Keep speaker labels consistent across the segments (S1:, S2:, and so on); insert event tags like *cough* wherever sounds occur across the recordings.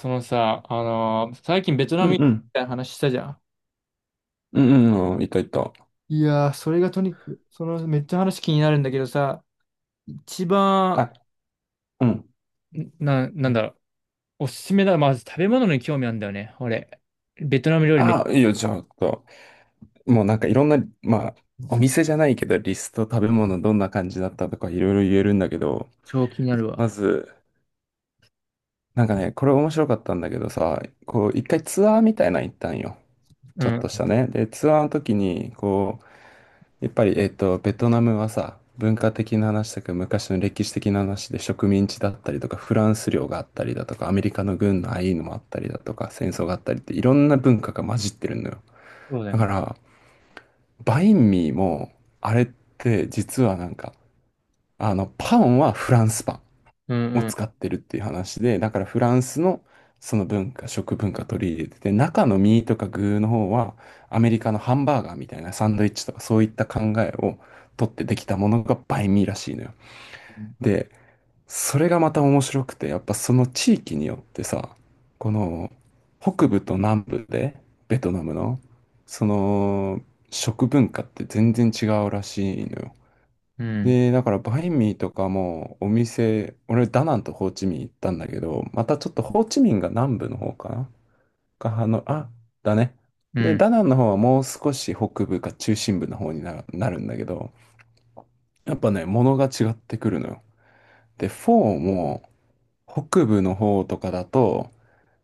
S1: そのさ、最近ベトナ
S2: うん
S1: ム行っ
S2: う
S1: たみ
S2: ん。
S1: たいな話したじゃん。
S2: うんうんうん。いたいた。
S1: いやー、それがとにかく、そのめっちゃ話気になるんだけどさ、一番、
S2: あ、うん。
S1: なんだろう、おすすめだ。まず食べ物に興味あるんだよね、俺。ベトナム料理めっ
S2: あ、いいよ、じゃあ、ちょっともうなんかいろんな、まあ、お店じゃないけど、リスト、食べ物どんな感じだったとかいろいろ言えるんだけど、
S1: ちゃ気になる
S2: ま
S1: わ。
S2: ず、なんかね、これ面白かったんだけどさ、こう、一回ツアーみたいなの行ったんよ。
S1: う
S2: ちょっ
S1: ん。
S2: としたね。で、ツアーの時に、こう、やっぱり、ベトナムはさ、文化的な話とか昔の歴史的な話で植民地だったりとか、フランス領があったりだとか、アメリカの軍のああいうのもあったりだとか、戦争があったりっていろんな文化が混じってるのよ。
S1: そうだよ
S2: だか
S1: ね。
S2: ら、バインミーも、あれって実はなんか、あの、パンはフランスパン
S1: うん
S2: を
S1: うん。
S2: 使ってるっていう話で、だからフランスのその文化、食文化取り入れてて、中のミーとか具の方はアメリカのハンバーガーみたいなサンドイッチとかそういった考えを取ってできたものがバインミーらしいのよ。で、それがまた面白くて、やっぱその地域によってさ、この北部と南部でベトナムのその食文化って全然違うらしいのよ。
S1: うん。
S2: で、だからバインミーとかもお店、俺ダナンとホーチミン行ったんだけど、またちょっとホーチミンが南部の方かなが、あの、あ、だね。
S1: う
S2: で、
S1: ん。
S2: ダナンの方はもう少し北部か中心部の方になるんだけど、やっぱね、物が違ってくるのよ。で、フォーも北部の方とかだと、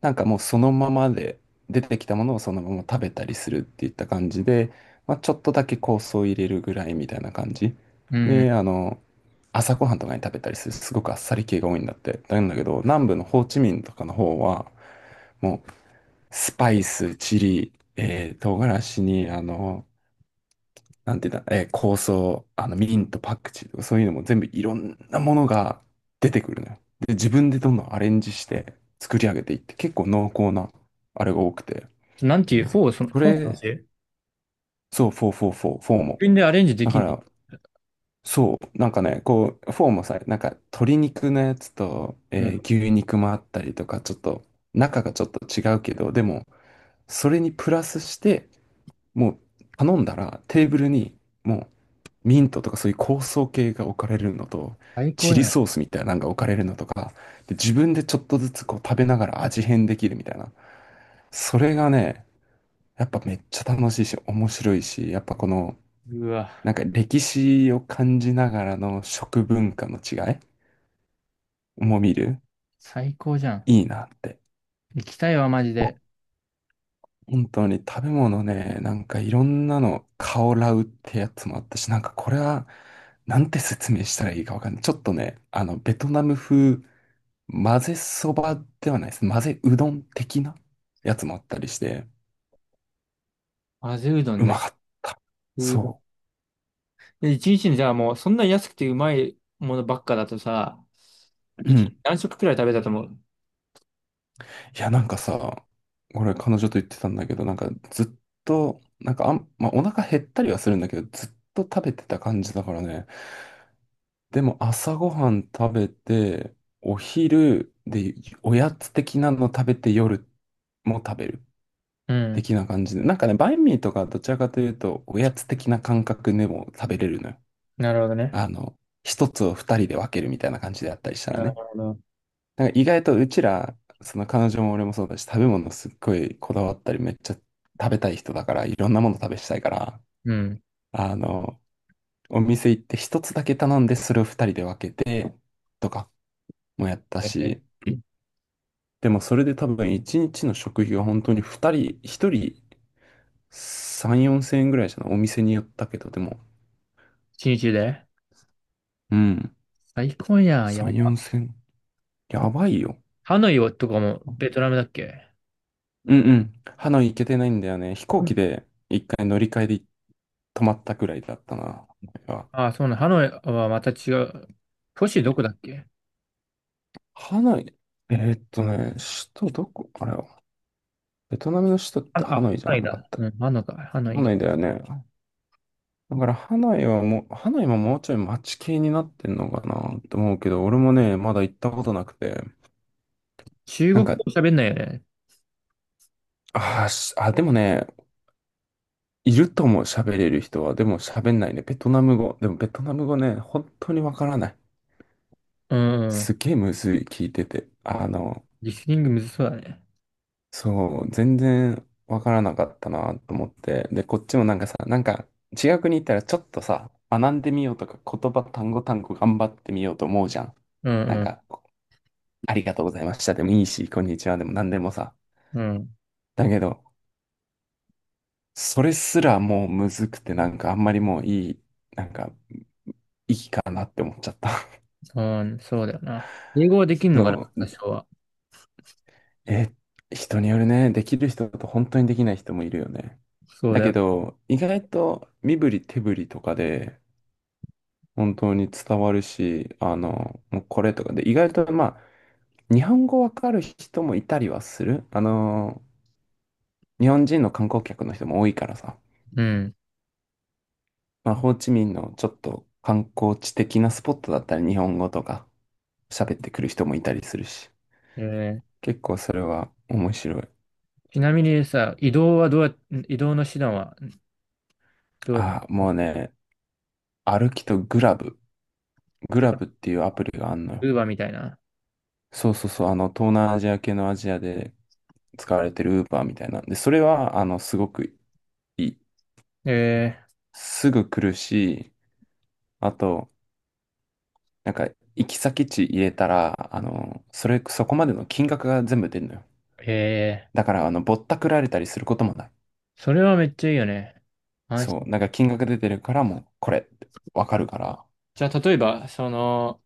S2: なんかもうそのままで出てきたものをそのまま食べたりするっていった感じで、まあ、ちょっとだけ香草を入れるぐらいみたいな感じ
S1: う
S2: で
S1: ん。
S2: あの朝ごはんとかに食べたりするすごくあっさり系が多いんだってなんだけど、南部のホーチミンとかの方はもうスパイスチリ、唐辛子にあのなんていうんだ、香草、あの、ミント、パクチーとかそういうのも全部いろんなものが出てくるのよ。で、自分でどんどんアレンジして作り上げていって、結構濃厚なあれが多くて。
S1: なんていう、フォー、その、
S2: そ
S1: フォーの
S2: れ、
S1: 話自
S2: そう、フォーフォーフォー、フォーも。
S1: 分でアレンジで
S2: だ
S1: き
S2: か
S1: んだ。
S2: ら、そう、なんかね、こう、フォーもさ、なんか鶏肉のやつと、
S1: うん。
S2: 牛肉もあったりとか、ちょっと、中がちょっと違うけど、でも、それにプラスして、もう頼んだらテーブルにもうミントとかそういう香草系が置かれるのと、
S1: 最
S2: チ
S1: 高
S2: リ
S1: やん。
S2: ソースみたいなのが置かれるのとか、で、自分でちょっとずつこう食べながら味変できるみたいな。それがね、やっぱめっちゃ楽しいし、面白いし、やっぱこの、
S1: うわ、
S2: なんか歴史を感じながらの食文化の違いも見る、
S1: 最高じゃん。
S2: いいなって。
S1: 行きたいわ、マジで。
S2: 本当に食べ物ね、なんかいろんなの、カオラウってやつもあったし、なんかこれは、なんて説明したらいいかわかんない。ちょっとね、あの、ベトナム風、混ぜそばではないです。混ぜうどん的なやつもあったりして、
S1: 混ぜうどん
S2: うま
S1: ね。
S2: かった。
S1: うわ。
S2: そ
S1: で、一日にじゃあもう、そんな安くてうまいものばっかだとさ、
S2: う。う
S1: 一日
S2: ん。
S1: 何食くらい食べたと思う？
S2: いや、なんかさ、俺彼女と言ってたんだけど、なんかずっと、なんかあん、まあ、お腹減ったりはするんだけど、ずっと食べてた感じだからね、でも朝ごはん食べて、お昼でおやつ的なの食べて夜も食べる
S1: うん。
S2: 的な感じで。なんかね、バインミーとかどちらかというと、おやつ的な感覚でも食べれるのよ。
S1: なるほどね。
S2: あの、一つを二人で分けるみたいな感じであったりしたら
S1: なる
S2: ね。
S1: ほど。
S2: なんか意外とうちら、その彼女も俺もそうだし、食べ物すっごいこだわったり、めっちゃ食べたい人だから、いろんなもの食べしたいから、
S1: うん。
S2: あの、お店行って一つだけ頼んで、それを二人で分けて、とかもやった
S1: え
S2: し、
S1: え。
S2: でもそれで多分一日の食費が本当に二人、一人3、4千円ぐらいじゃない？お店によったけど、でも。
S1: 一日で。
S2: うん。
S1: 最高やん。や
S2: 3、4
S1: ば。
S2: 千円。やばいよ。
S1: ハノイはとかもベトナムだっけ？
S2: うんうん。ハノイ行けてないんだよね。飛行機で一回乗り換えで泊まったくらいだったな。
S1: ああ、そうなの。ハノイはまた違う。都市どこだっけ？
S2: ハノイ、えーっとね、首都どこあれは、ベトナムの首都っ
S1: あ、
S2: てハ
S1: あ、
S2: ノ
S1: ハ
S2: イじゃ
S1: ノ
S2: な
S1: イ
S2: か
S1: だ。
S2: った？
S1: うん、ハノイか。ハノ
S2: ハ
S1: イ
S2: ノ
S1: が。
S2: イだよね。だからハノイはもう、ハノイももうちょい街系になってんのかなって思うけど、俺もね、まだ行ったことなくて。
S1: 中
S2: な
S1: 国
S2: ん
S1: 語
S2: か、
S1: 喋んないよね。
S2: あーしあ、でもね、いると思う、喋れる人は。でも喋んないね。ベトナム語。でもベトナム語ね、本当にわからない。
S1: うんうん。
S2: すげえむずい、聞いてて。あの、
S1: リスニングむずそうだね。
S2: そう、全然わからなかったなと思って。で、こっちもなんかさ、なんか違う国行ったらちょっとさ、学んでみようとか、言葉単語単語頑張ってみようと思うじゃん。
S1: う
S2: なん
S1: ん
S2: か、ありがとうございましたでもいいし、こんにちはでも何でもさ。
S1: うん。うん。
S2: だけど、それすらもうむずくて、なんかあんまりもういい、なんか、だなって思っちゃった。
S1: そう、そうだよな。英語はでき
S2: *laughs*
S1: んのかな、
S2: そう、
S1: 多少は。
S2: え、人によるね、できる人と本当にできない人もいるよね。
S1: そう
S2: だ
S1: だ
S2: け
S1: よ。
S2: ど、意外と身振り手振りとかで本当に伝わるし、あの、もうこれとかで、意外とまあ、日本語わかる人もいたりはする。あの、日本人の観光客の人も多いからさ、
S1: うん。
S2: まあ、ホーチミンのちょっと観光地的なスポットだったら日本語とか喋ってくる人もいたりするし、
S1: えー、
S2: 結構それは面白い。
S1: ちなみにさ、移動はどう移動の手段はどう
S2: ああ、
S1: やっ
S2: もう
S1: て？
S2: ね、歩きとグラブ。グラブっていうアプリがあんのよ。
S1: ウーバーみたいな。
S2: そうそうそう。あの、東南アジア系のアジアで使われてるウーバーみたいなんで、それは、あの、すごくいい。
S1: え
S2: すぐ来るし、あと、なんか、行き先地入れたら、あの、それ、そこまでの金額が全部出るのよ。
S1: ー、え
S2: だから、あの、ぼったくられたりすることもない。
S1: ー、それはめっちゃいいよね。安
S2: そ
S1: 心。
S2: う。なんか、金額出てるから、もう、これってわかるから。
S1: じゃあ、例えば、その、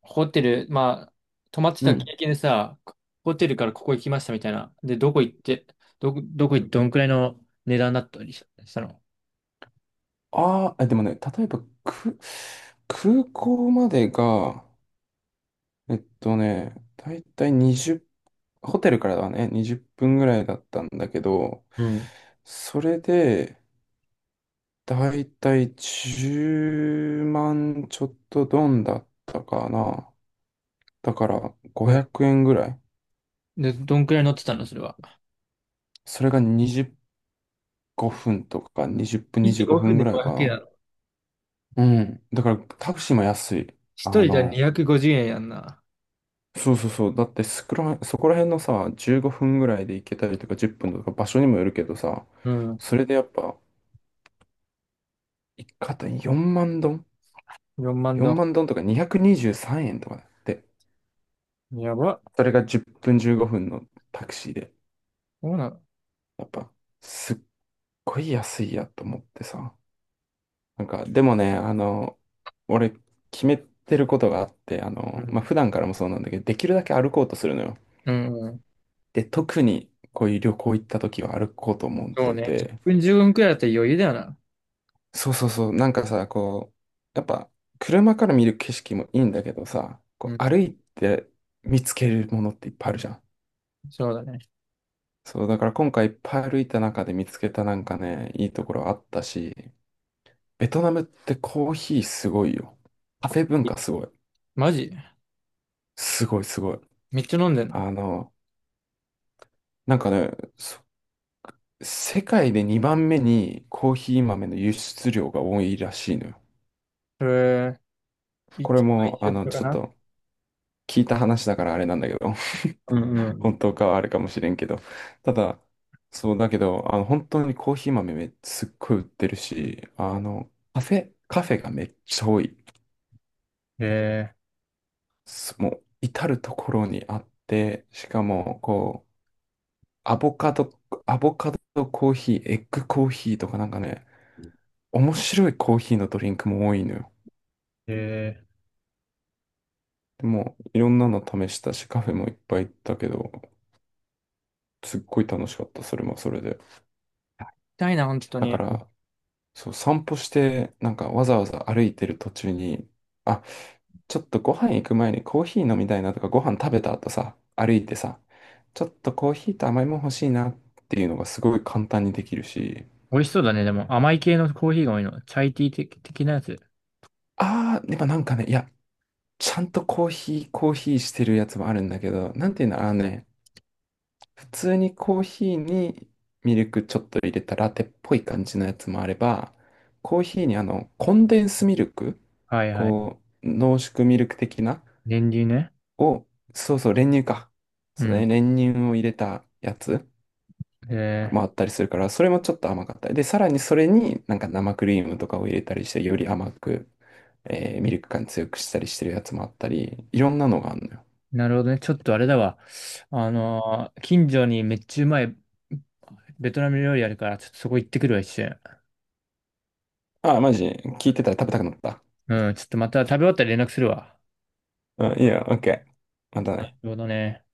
S1: ホテル、まあ、泊まって
S2: う
S1: た
S2: ん。
S1: 経験でさ、ホテルからここ行きましたみたいな。で、どこ行って、どこ行って、どんくらいの値段だったりしたの？
S2: あーあ、でもね、例えば、空港までが、だいたい20、ホテルからはね、20分ぐらいだったんだけど、
S1: うん。
S2: それで、だいたい10万ちょっとドンだったかな。だから
S1: これ
S2: 500円ぐらい。
S1: で、どんくらい乗ってたのそれは。
S2: それが25分とか20分、
S1: 25
S2: 25
S1: 分
S2: 分ぐ
S1: で
S2: らい
S1: 500
S2: か
S1: 円な
S2: な。
S1: の？
S2: うん。だからタクシーも安い。あ
S1: 一人じゃ
S2: の、
S1: 250円やんな。
S2: そうそうそう。だってそこら辺のさ、15分ぐらいで行けたりとか10分とか場所にもよるけどさ、
S1: うん。
S2: それでやっぱ一肩4万丼
S1: 4万ド
S2: ?4
S1: ン。
S2: 万丼とか223円とかだって。
S1: やば。
S2: それが10分15分のタクシーで。
S1: そうなの。
S2: やっぱ、すっごい安いやと思ってさ。なんか、でもね、あの、俺、決めてることがあって、あ
S1: う
S2: の、
S1: ん。
S2: まあ、普段からもそうなんだけど、できるだけ歩こうとするのよ。
S1: うん。うん。
S2: で、特にこういう旅行行った時は歩こうと思っ
S1: そう
S2: て
S1: ね。1
S2: て、
S1: 分、15分くらいだったら余裕だよな。
S2: そうそうそう、なんかさ、こう、やっぱ、車から見る景色もいいんだけどさ、
S1: う
S2: こ
S1: ん。
S2: う歩いて見つけるものっていっぱいあるじゃん。
S1: そうだね。
S2: そう、だから今回いっぱい歩いた中で見つけたなんかね、いいところあったし、ベトナムってコーヒーすごいよ。カフェ文
S1: い、
S2: 化すごい。
S1: マジ？
S2: すごいすごい。
S1: めっちゃ飲んでんの？
S2: あの、なんかね、そ世界で2番目にコーヒー豆の輸出量が多いらしいのよ。
S1: それ、
S2: これ
S1: 一杯
S2: も、
S1: 一
S2: あ
S1: 緒
S2: の、
S1: か
S2: ちょっ
S1: な？
S2: と聞いた話だからあれなんだけど、
S1: うん
S2: *laughs*
S1: う
S2: 本当かはあれかもしれんけど、ただ、そうだけど、あの、本当にコーヒー豆すっごい売ってるし、あの、カフェ、カフェがめっちゃ多い。
S1: ん。え
S2: もう至るところにあって、しかもこう、アボカド、アボカドコーヒー、エッグコーヒーとかなんかね、面白いコーヒーのドリンクも多いのよ。
S1: ー、え
S2: でも、いろんなの試したし、カフェもいっぱい行ったけど、すっごい楽しかった、それもそれで。
S1: ー。痛いな、本当
S2: だか
S1: に。
S2: ら、そう、散歩して、なんかわざわざ歩いてる途中に、あ、ちょっとご飯行く前にコーヒー飲みたいなとか、ご飯食べた後さ、歩いてさ、ちょっとコーヒーと甘いもん欲しいなっていうのがすごい簡単にできるし、
S1: 美味しそうだね。でも、甘い系のコーヒーが多いの？チャイティー的、的なやつ。
S2: あー、やっぱなんかね、いや、ちゃんとコーヒー、コーヒーしてるやつもあるんだけど、なんていうの、あのね、普通にコーヒーにミルクちょっと入れたラテっぽい感じのやつもあれば、コーヒーにあの、コンデンスミルク、
S1: はいはい。
S2: こう、濃縮ミルク的な、
S1: 練乳ね。
S2: を、そうそう、練乳か。
S1: う
S2: そうだね、
S1: ん。
S2: 練乳を入れたやつも
S1: え
S2: あったりするから、それもちょっと甘かったり。で、さらにそれになんか生クリームとかを入れたりして、より甘く、ミルク感強くしたりしてるやつもあったり、いろんなのがあるのよ。
S1: ー、なるほどね。ちょっとあれだわ。近所にめっちゃうまいベトナム料理あるから、ちょっとそこ行ってくるわ、一瞬。
S2: ああ、マジ、聞いてたら食べたくなった。
S1: うん、ちょっとまた食べ終わったら連絡するわ。
S2: うん、いいよ、オッケー。また
S1: なる
S2: ね。
S1: ほどね。